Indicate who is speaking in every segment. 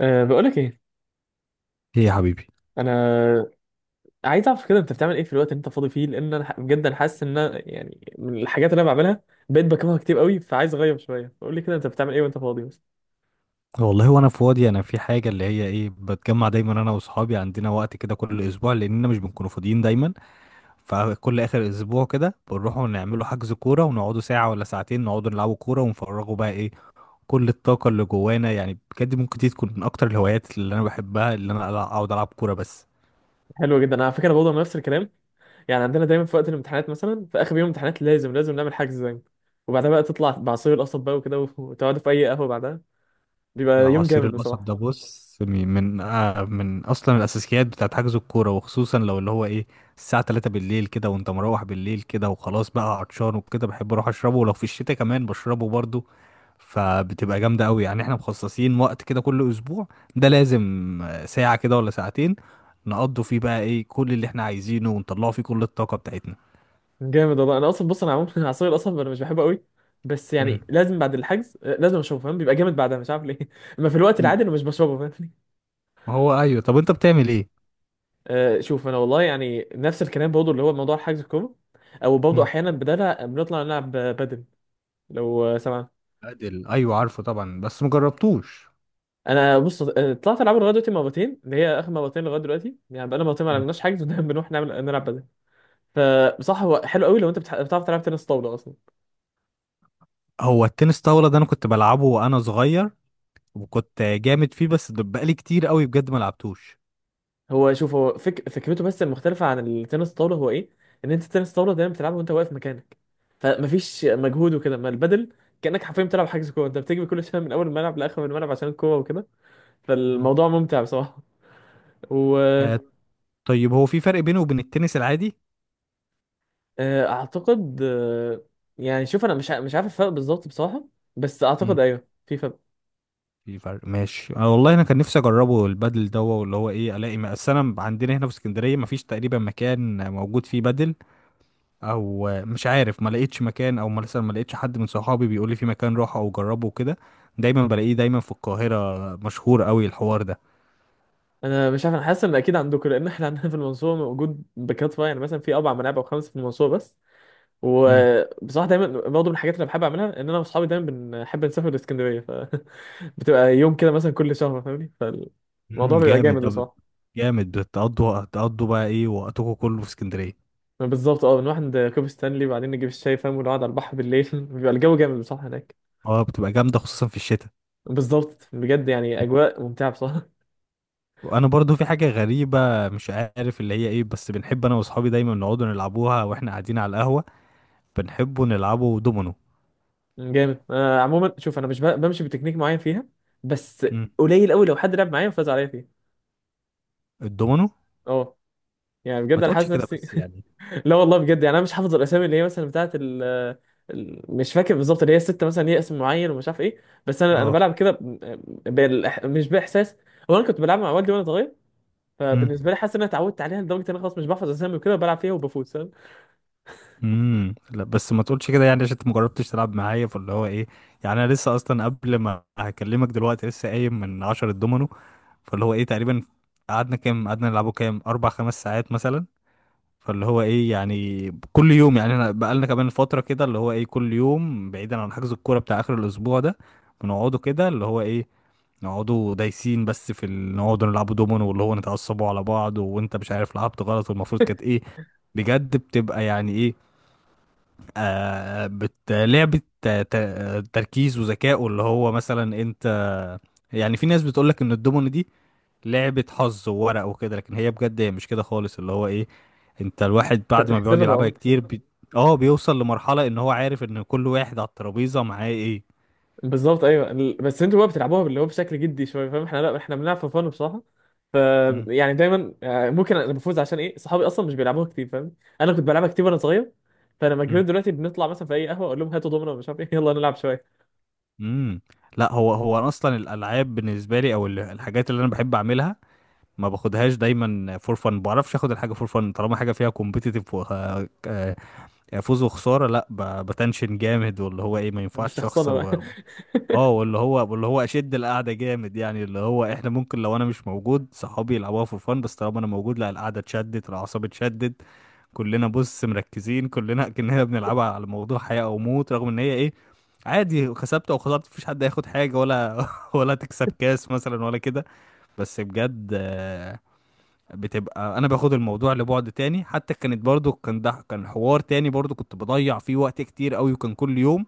Speaker 1: بقولك ايه،
Speaker 2: ايه يا حبيبي؟
Speaker 1: انا عايز اعرف كده انت بتعمل ايه في الوقت اللي انت فاضي فيه، لان انا بجد انا حاسس ان أنا يعني من الحاجات اللي انا بعملها بقيت بكرهها كتير قوي، فعايز اغير شويه فقول لي كده انت بتعمل ايه وانت فاضي بس.
Speaker 2: والله وانا فاضي انا في حاجه اللي هي ايه، بتجمع دايما انا واصحابي، عندنا وقت كده كل اسبوع لاننا مش بنكونوا فاضيين دايما. فكل اخر اسبوع كده بنروحوا نعملوا حجز كوره ونقعدوا ساعه ولا ساعتين، نقعدوا نلعبوا كوره ونفرغوا بقى ايه كل الطاقه اللي جوانا. يعني بجد ممكن دي تكون من اكتر الهوايات اللي انا بحبها، اللي انا اقعد العب كوره بس.
Speaker 1: حلو جدا، انا على فكره برضه أنا نفس الكلام. يعني عندنا دايما في وقت الامتحانات، مثلا في اخر يوم امتحانات لازم لازم نعمل حجز زي وبعدها بقى تطلع بعصير القصب بقى وكده وتقعدوا في اي قهوه بعدها.
Speaker 2: ده
Speaker 1: بيبقى يوم
Speaker 2: عصير
Speaker 1: جامد
Speaker 2: القصب
Speaker 1: بصراحه.
Speaker 2: ده، بص، من اصلا الاساسيات بتاعت حجز الكوره، وخصوصا لو اللي هو ايه الساعه 3 بالليل كده، وانت مروح بالليل كده وخلاص بقى عطشان وكده بحب اروح اشربه، ولو في الشتاء كمان بشربه برضو. فبتبقى جامده قوي. يعني احنا مخصصين وقت كده كل اسبوع، ده لازم. ساعه كده ولا ساعتين نقضوا فيه بقى ايه كل اللي احنا عايزينه، ونطلعوا فيه كل الطاقه بتاعتنا.
Speaker 1: جامد والله، انا اصلا بص انا عموما عصير القصب انا مش بحبه قوي. بس
Speaker 2: امم
Speaker 1: يعني لازم بعد الحجز لازم اشربه فاهم، بيبقى جامد بعدها مش عارف ليه اما في الوقت العادي انا مش بشربه فاهم.
Speaker 2: هو ايوه، طب انت بتعمل ايه؟
Speaker 1: شوف انا والله يعني نفس الكلام برضه اللي هو موضوع حجز الكوره، او برضه
Speaker 2: امم
Speaker 1: احيانا بدالها بنطلع نلعب بدل. لو سمعت.
Speaker 2: ادل، ايوه عارفه طبعا بس مجربتوش.
Speaker 1: انا بص، طلعت العب لغايه دلوقتي مرتين، اللي هي اخر مرتين لغايه دلوقتي، يعني بقالنا مرتين ما لعبناش حجز ودايما بنروح نعمل نلعب بدل. فبصح هو حلو قوي لو انت بتعرف تلعب تنس طاوله اصلا.
Speaker 2: هو التنس طاولة ده انا كنت بلعبه وانا صغير، وكنت جامد فيه، بس ده بقالي كتير قوي بجد ما لعبتوش.
Speaker 1: هو شوف هو فكرته بس المختلفه عن التنس الطاوله هو ايه؟ ان انت التنس الطاوله دايما بتلعبه وانت واقف مكانك، فمفيش مجهود وكده. ما البدل كانك حرفيا بتلعب حجز كوره، انت بتجري كل شويه من اول الملعب لاخر الملعب عشان الكوره وكده.
Speaker 2: مم.
Speaker 1: فالموضوع ممتع بصراحة.
Speaker 2: آه، طيب هو في فرق بينه وبين التنس العادي؟
Speaker 1: وأعتقد يعني شوف أنا مش عارف الفرق بالظبط بصراحة، بس أعتقد
Speaker 2: امم
Speaker 1: أيوه في فرق.
Speaker 2: في فرق، ماشي. أنا والله انا كان نفسي اجربه البادل ده، واللي هو ايه الاقي اصل انا عندنا هنا في اسكندرية ما فيش تقريبا مكان موجود فيه بادل. او مش عارف، ما لقيتش مكان، او مثلا ما لقيتش حد من صحابي بيقول لي في مكان روح او جربه وكده. دايما بلاقيه دايما في القاهرة مشهور قوي الحوار
Speaker 1: أنا مش عارف، أنا حاسس إن أكيد عندكم، لأن إحنا عندنا في المنصورة موجود بكثرة، يعني مثلا في أربع ملاعب أو خمسة في المنصورة بس.
Speaker 2: ده.
Speaker 1: وبصراحة دايما برضه من الحاجات اللي بحب أعملها إن أنا وأصحابي دايما بنحب نسافر لإسكندرية. فبتبقى يوم كده مثلا كل شهر فاهمني، فالموضوع بيبقى
Speaker 2: جامد.
Speaker 1: جامد بصراحة.
Speaker 2: جامد. بتقضوا بقى ايه وقتكم كله في اسكندريه.
Speaker 1: بالظبط، اه بنروح عند كوبري ستانلي وبعدين نجيب الشاي فاهم ونقعد على البحر بالليل بيبقى الجو جامد بصراحة هناك.
Speaker 2: اه بتبقى جامده خصوصا في الشتاء.
Speaker 1: بالظبط بجد، يعني
Speaker 2: مم.
Speaker 1: اجواء ممتعه بصراحه
Speaker 2: وانا برضو في حاجه غريبه، مش عارف اللي هي ايه، بس بنحب انا واصحابي دايما نقعدوا نلعبوها واحنا قاعدين على القهوه، بنحبوا نلعبوا دومينو.
Speaker 1: جامد. عموما شوف انا مش ب- بمشي بتكنيك معين فيها بس.
Speaker 2: امم
Speaker 1: قليل قوي لو حد لعب معايا وفاز عليا فيها.
Speaker 2: الدومينو.
Speaker 1: اه، يعني بجد
Speaker 2: ما
Speaker 1: انا
Speaker 2: تقولش
Speaker 1: حاسس
Speaker 2: كده
Speaker 1: نفسي.
Speaker 2: بس يعني.
Speaker 1: لا والله بجد، يعني انا مش حافظ الاسامي اللي هي مثلا بتاعه مش فاكر بالظبط، اللي هي الستة مثلا ليها اسم معين ومش عارف ايه، بس انا
Speaker 2: اه.
Speaker 1: بلعب كده مش باحساس. هو انا كنت بلعب مع والدي وانا صغير،
Speaker 2: مم.
Speaker 1: فبالنسبه لي حاسس ان انا اتعودت عليها لدرجه ان انا خلاص مش بحفظ اسامي وكده وبلعب فيها وبفوز فاهم.
Speaker 2: لا بس ما تقولش كده، يعني عشان انت ما جربتش تلعب معايا. فاللي هو ايه، يعني انا لسه اصلا قبل ما هكلمك دلوقتي لسه قايم من عشرة دومينو. فاللي هو ايه تقريبا قعدنا كام، قعدنا نلعبه كام اربع خمس ساعات مثلا. فاللي هو ايه يعني كل يوم، يعني احنا بقالنا كمان فتره كده اللي هو ايه كل يوم، بعيدا عن حجز الكوره بتاع اخر الاسبوع ده بنقعدوا كده اللي هو ايه، نقعدوا دايسين بس في نقعدوا نلعبوا دومينو، واللي هو نتعصبوا على بعض، وانت مش عارف لعبت غلط والمفروض كانت ايه. بجد بتبقى يعني ايه، آه، بت لعبة تركيز وذكاء، واللي هو مثلا انت، يعني في ناس بتقولك ان الدومينو دي لعبة حظ وورق وكده، لكن هي بجد هي مش كده خالص. اللي هو ايه انت الواحد
Speaker 1: انت
Speaker 2: بعد ما بيقعد
Speaker 1: بتحسبها،
Speaker 2: يلعبها
Speaker 1: اه.
Speaker 2: كتير اه بيوصل لمرحلة ان هو عارف ان كل واحد على الترابيزة معاه ايه.
Speaker 1: بالظبط ايوه. بس انتوا بقى بتلعبوها اللي هو بشكل جدي شويه فاهم، احنا لا احنا بنلعب في فن بصراحه. ف
Speaker 2: مم.
Speaker 1: يعني دايما ممكن انا بفوز عشان ايه، صحابي اصلا مش بيلعبوها كتير فاهم. انا كنت بلعبها كتير وانا صغير، فلما
Speaker 2: مم.
Speaker 1: كبرت دلوقتي بنطلع مثلا في اي قهوه اقول لهم هاتوا دومنا ومش عارف ايه يلا نلعب شويه.
Speaker 2: مم. لا هو أنا اصلا الالعاب بالنسبة لي او الحاجات اللي انا بحب اعملها، ما باخدهاش دايما فور فن. ما بعرفش اخد الحاجة فور فن طالما حاجة فيها كومبيتيتيف، يعني فوز وخساره. لا بتنشن جامد، واللي هو ايه ما ينفعش
Speaker 1: بتشخصنها
Speaker 2: اخسر
Speaker 1: بقى
Speaker 2: اه واللي هو اشد القعده جامد، يعني اللي هو احنا ممكن لو انا مش موجود صحابي يلعبوها في فن، بس طالما انا موجود لا، القعده اتشدت، العصاب اتشدت، كلنا بص مركزين كلنا كأننا بنلعبها على موضوع حياه او موت، رغم ان هي ايه عادي، كسبت او خسرت مفيش حد هياخد حاجه ولا ولا تكسب كاس مثلا ولا كده. بس بجد بتبقى، انا باخد الموضوع لبعد تاني. حتى كانت برضو كان ده كان حوار تاني برضو كنت بضيع فيه وقت كتير قوي، وكان كل يوم.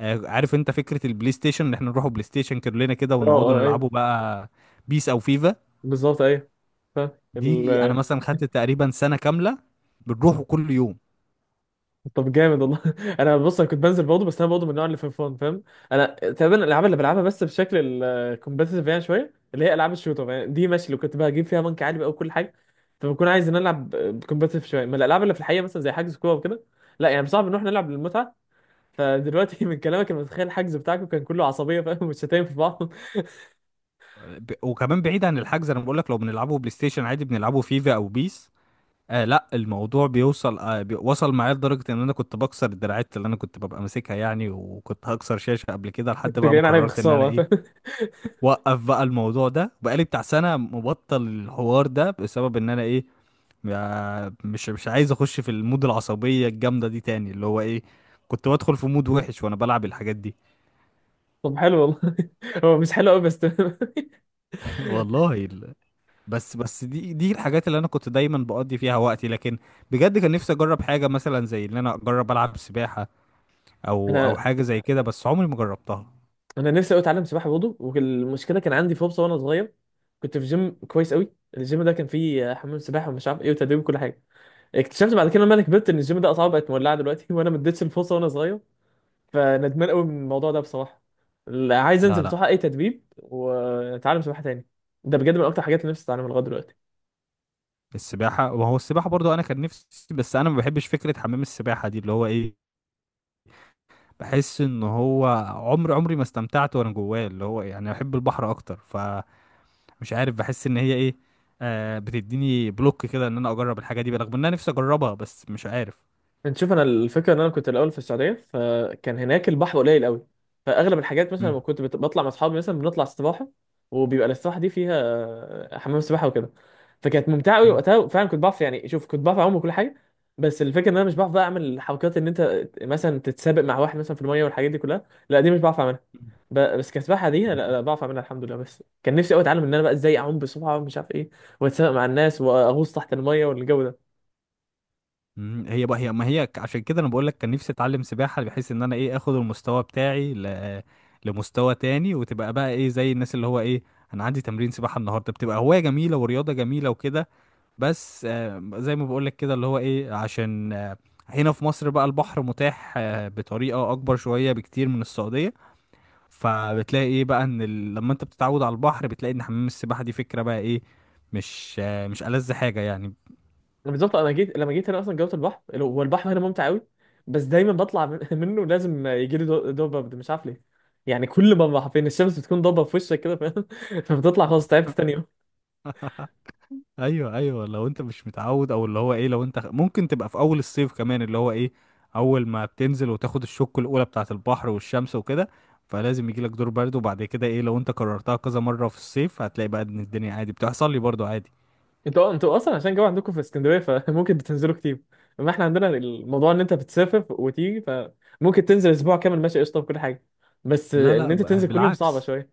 Speaker 2: عارف انت فكرة البلاي ستيشن، ان احنا نروحوا بلاي ستيشن كلنا كده
Speaker 1: اه
Speaker 2: ونقعدوا
Speaker 1: اه ايوه.
Speaker 2: نلعبوا بقى بيس او فيفا؟
Speaker 1: بالظبط ايوه. فاهم.
Speaker 2: دي انا مثلا خدت تقريبا سنة كاملة بنروحوا كل يوم.
Speaker 1: طب جامد والله انا بص انا كنت بنزل برضه، بس انا برضه من النوع اللي في الفون فاهم. انا تقريبا الالعاب اللي بلعبها بس بشكل الكومبتيتيف يعني شويه، اللي هي العاب الشوتر يعني، دي ماشي لو كنت بجيب فيها بنك عالي بقى وكل حاجه. فبكون عايز ان أنا العب كومبتيتيف شويه من الالعاب اللي في الحقيقه مثلا زي حجز كوره وكده، لا يعني صعب نروح نلعب للمتعه. فدلوقتي من كلامك انا متخيل الحجز بتاعكم كان كله عصبيه فاهم والشتايم في بعض
Speaker 2: وكمان بعيد عن الحجز، انا بقول لك لو بنلعبه بلاي ستيشن عادي بنلعبه فيفا او بيس، آه لا الموضوع بيوصل، آه وصل معايا لدرجة ان انا كنت بكسر الدراعات اللي انا كنت ببقى ماسكها يعني، وكنت هكسر شاشة قبل كده، لحد
Speaker 1: انتوا
Speaker 2: بقى ما
Speaker 1: جايين عليا
Speaker 2: قررت ان انا
Speaker 1: بخساره
Speaker 2: ايه
Speaker 1: فاهم.
Speaker 2: وقف بقى الموضوع ده. بقالي بتاع سنة مبطل الحوار ده بسبب ان انا ايه مش عايز اخش في المود العصبية الجامدة دي تاني، اللي هو ايه كنت بدخل في مود وحش وانا بلعب الحاجات دي.
Speaker 1: طب حلو والله هو مش حلو قوي بس تمام.
Speaker 2: والله بس بس دي الحاجات اللي انا كنت دايما بقضي فيها وقتي، لكن بجد كان نفسي اجرب حاجة مثلا زي ان انا اجرب العب سباحة، او او
Speaker 1: انا
Speaker 2: حاجة زي كده بس عمري ما جربتها.
Speaker 1: انا نفسي قوي اتعلم سباحه برضه، والمشكله كان عندي فرصه وانا صغير، كنت في جيم كويس قوي. الجيم ده كان فيه حمام سباحه ومش عارف ايه وتدريب وكل حاجه. اكتشفت بعد كده لما انا كبرت ان الجيم ده اسعاره بقت مولعه دلوقتي وانا ما اديتش الفرصه وانا صغير، فندمان قوي من الموضوع ده بصراحه. لا، عايز
Speaker 2: لا
Speaker 1: انزل
Speaker 2: لا.
Speaker 1: بصراحه اي تدريب واتعلم سباحه تاني. ده بجد من اكتر حاجات اللي نفسي اتعلمها لغايه دلوقتي.
Speaker 2: السباحة، وهو السباحة برضو انا كان نفسي. بس انا ما بحبش فكرة حمام السباحة دي، اللي هو ايه بحس ان هو عمري ما استمتعت وانا جواه، اللي هو يعني بحب البحر اكتر، فمش عارف، بحس ان هي ايه، آه بتديني بلوك كده ان انا اجرب الحاجه دي رغم ان انا نفسي اجربها، بس مش عارف.
Speaker 1: انت شوف انا الفكره ان انا كنت الاول في السعوديه، فكان هناك البحر قليل قوي. فاغلب الحاجات مثلا
Speaker 2: مم.
Speaker 1: لما كنت بطلع مع اصحابي مثلا بنطلع استباحه، وبيبقى الاستباحه دي فيها حمام سباحه وكده. فكانت ممتعه قوي
Speaker 2: مم.
Speaker 1: وقتها، فعلا كنت بعرف يعني شوف كنت بعرف اعوم وكل حاجه. بس الفكره ان انا مش بعرف بقى اعمل حركات ان انت مثلا تتسابق مع واحد مثلا في الميه والحاجات دي كلها، لا دي مش بعرف اعملها. بس كسباحه دي، لا،
Speaker 2: مم.
Speaker 1: لا بعرف اعملها الحمد لله. بس كان نفسي قوي اتعلم ان انا بقى ازاي اعوم بسرعه ومش عارف ايه، واتسابق مع الناس واغوص تحت الميه والجو ده.
Speaker 2: هي بقى هي ما هي عشان كده انا بقول لك كان نفسي اتعلم سباحه، بحيث ان انا ايه اخد المستوى بتاعي لمستوى تاني، وتبقى بقى ايه زي الناس اللي هو ايه انا عندي تمرين سباحه النهارده، بتبقى هوايه جميله ورياضه جميله وكده. بس زي ما بقولك كده اللي هو ايه عشان هنا في مصر بقى البحر متاح بطريقة اكبر شوية بكتير من السعودية. فبتلاقي ايه بقى ان لما انت بتتعود على البحر بتلاقي ان حمام السباحة دي فكرة بقى ايه، مش مش ألذ حاجة يعني.
Speaker 1: بالظبط انا جيت، لما جيت هنا اصلا جوه البحر، هو البحر هنا ممتع قوي، بس دايما بطلع منه لازم يجي لي دوبه ده مش عارف ليه. يعني كل ما بروح فين الشمس بتكون ضابه في وشك كده فاهم فبتطلع خلاص تعبت تاني يوم.
Speaker 2: ايوه ايوه، لو انت مش متعود، او اللي هو ايه لو انت ممكن تبقى في اول الصيف كمان، اللي هو ايه اول ما بتنزل وتاخد الشوك الاولى بتاعة البحر والشمس وكده، فلازم يجيلك دور برد، وبعد كده ايه لو انت كررتها كذا مرة في الصيف هتلاقي بقى ان الدنيا عادي، بتحصل لي برضو عادي.
Speaker 1: انتوا اصلا عشان جو عندكم في اسكندريه فممكن بتنزلوا كتير، اما احنا عندنا الموضوع ان انت بتسافر وتيجي فممكن تنزل اسبوع كامل ماشي قشطه بكل حاجه، بس
Speaker 2: لا
Speaker 1: ان
Speaker 2: لا
Speaker 1: انت تنزل كل يوم صعبه
Speaker 2: بالعكس،
Speaker 1: شويه.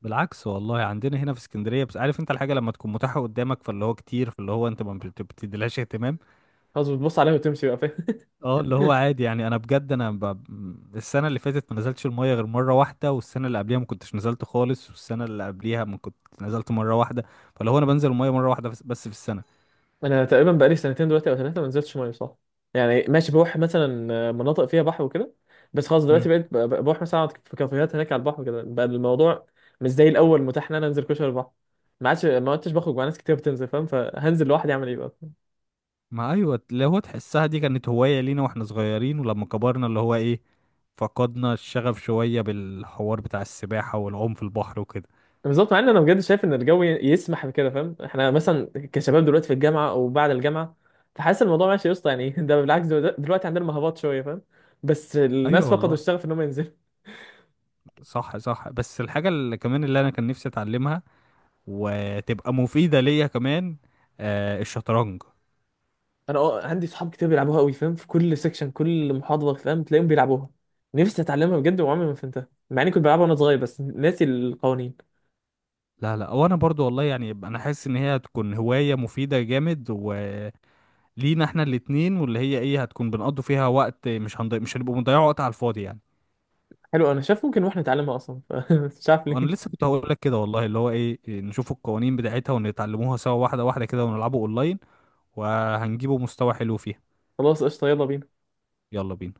Speaker 2: بالعكس والله، عندنا هنا في اسكندريه، بس عارف انت الحاجه لما تكون متاحه قدامك فاللي هو كتير، فاللي هو انت ما بت- بتديلهاش اهتمام.
Speaker 1: خلاص بتبص عليها وتمشي بقى فاهم.
Speaker 2: اه اللي هو عادي يعني، انا بجد انا السنه اللي فاتت ما نزلتش الميه غير مره واحده، والسنه اللي قبليها ما كنتش نزلت خالص، والسنه اللي قبليها ما كنت نزلت مره واحده. فاللي هو انا بنزل الميه مره واحده بس، بس في السنه.
Speaker 1: انا تقريبا بقالي سنتين دلوقتي او ثلاثه ما نزلتش ميه صح. يعني ماشي بروح مثلا مناطق فيها بحر وكده، بس خلاص دلوقتي
Speaker 2: امم
Speaker 1: بقيت بروح مثلا اقعد في كافيهات هناك على البحر، كده بقى الموضوع مش زي الاول متاح ان انا انزل كشري البحر. ما عادش، ما عدتش بخرج مع ناس كتير بتنزل فاهم، فهنزل لوحدي اعمل ايه بقى.
Speaker 2: ما ايوه، اللي هو تحسها دي كانت هوايه لينا واحنا صغيرين، ولما كبرنا اللي هو ايه فقدنا الشغف شويه بالحوار بتاع السباحه والعوم في البحر وكده.
Speaker 1: بالظبط، مع ان انا بجد شايف ان الجو يسمح بكده فاهم، احنا مثلا كشباب دلوقتي في الجامعه او بعد الجامعه، فحاسس الموضوع ماشي يا اسطى يعني ده بالعكس دلوقتي عندنا مهبط شويه فاهم، بس
Speaker 2: ايوه
Speaker 1: الناس فقدوا
Speaker 2: والله،
Speaker 1: الشغف ان هم ينزلوا.
Speaker 2: صح صح. بس الحاجة اللي كمان اللي انا كان نفسي اتعلمها وتبقى مفيدة ليا كمان، آه الشطرنج.
Speaker 1: انا اه عندي صحاب كتير بيلعبوها قوي فاهم، في كل سيكشن كل محاضره فاهم تلاقيهم بيلعبوها. نفسي اتعلمها بجد وعمري ما فهمتها مع اني كنت بلعبها وانا صغير بس ناسي القوانين.
Speaker 2: لا لا، وانا برضو والله، يعني انا حاسس ان هي هتكون هواية مفيدة جامد، ولينا احنا الاتنين، واللي هي ايه هتكون بنقضوا فيها وقت، مش هنضيع، مش هنبقوا بنضيعوا وقت على الفاضي يعني.
Speaker 1: حلو انا شايف ممكن واحنا نتعلمها اصلا مش عارف
Speaker 2: وانا لسه
Speaker 1: ليه.
Speaker 2: كنت هقول لك كده والله، اللي هو ايه نشوف القوانين بتاعتها ونتعلموها سوا واحدة واحدة كده ونلعبوا اونلاين، وهنجيبوا مستوى حلو فيها.
Speaker 1: خلاص قشطه، يلا بينا.
Speaker 2: يلا بينا.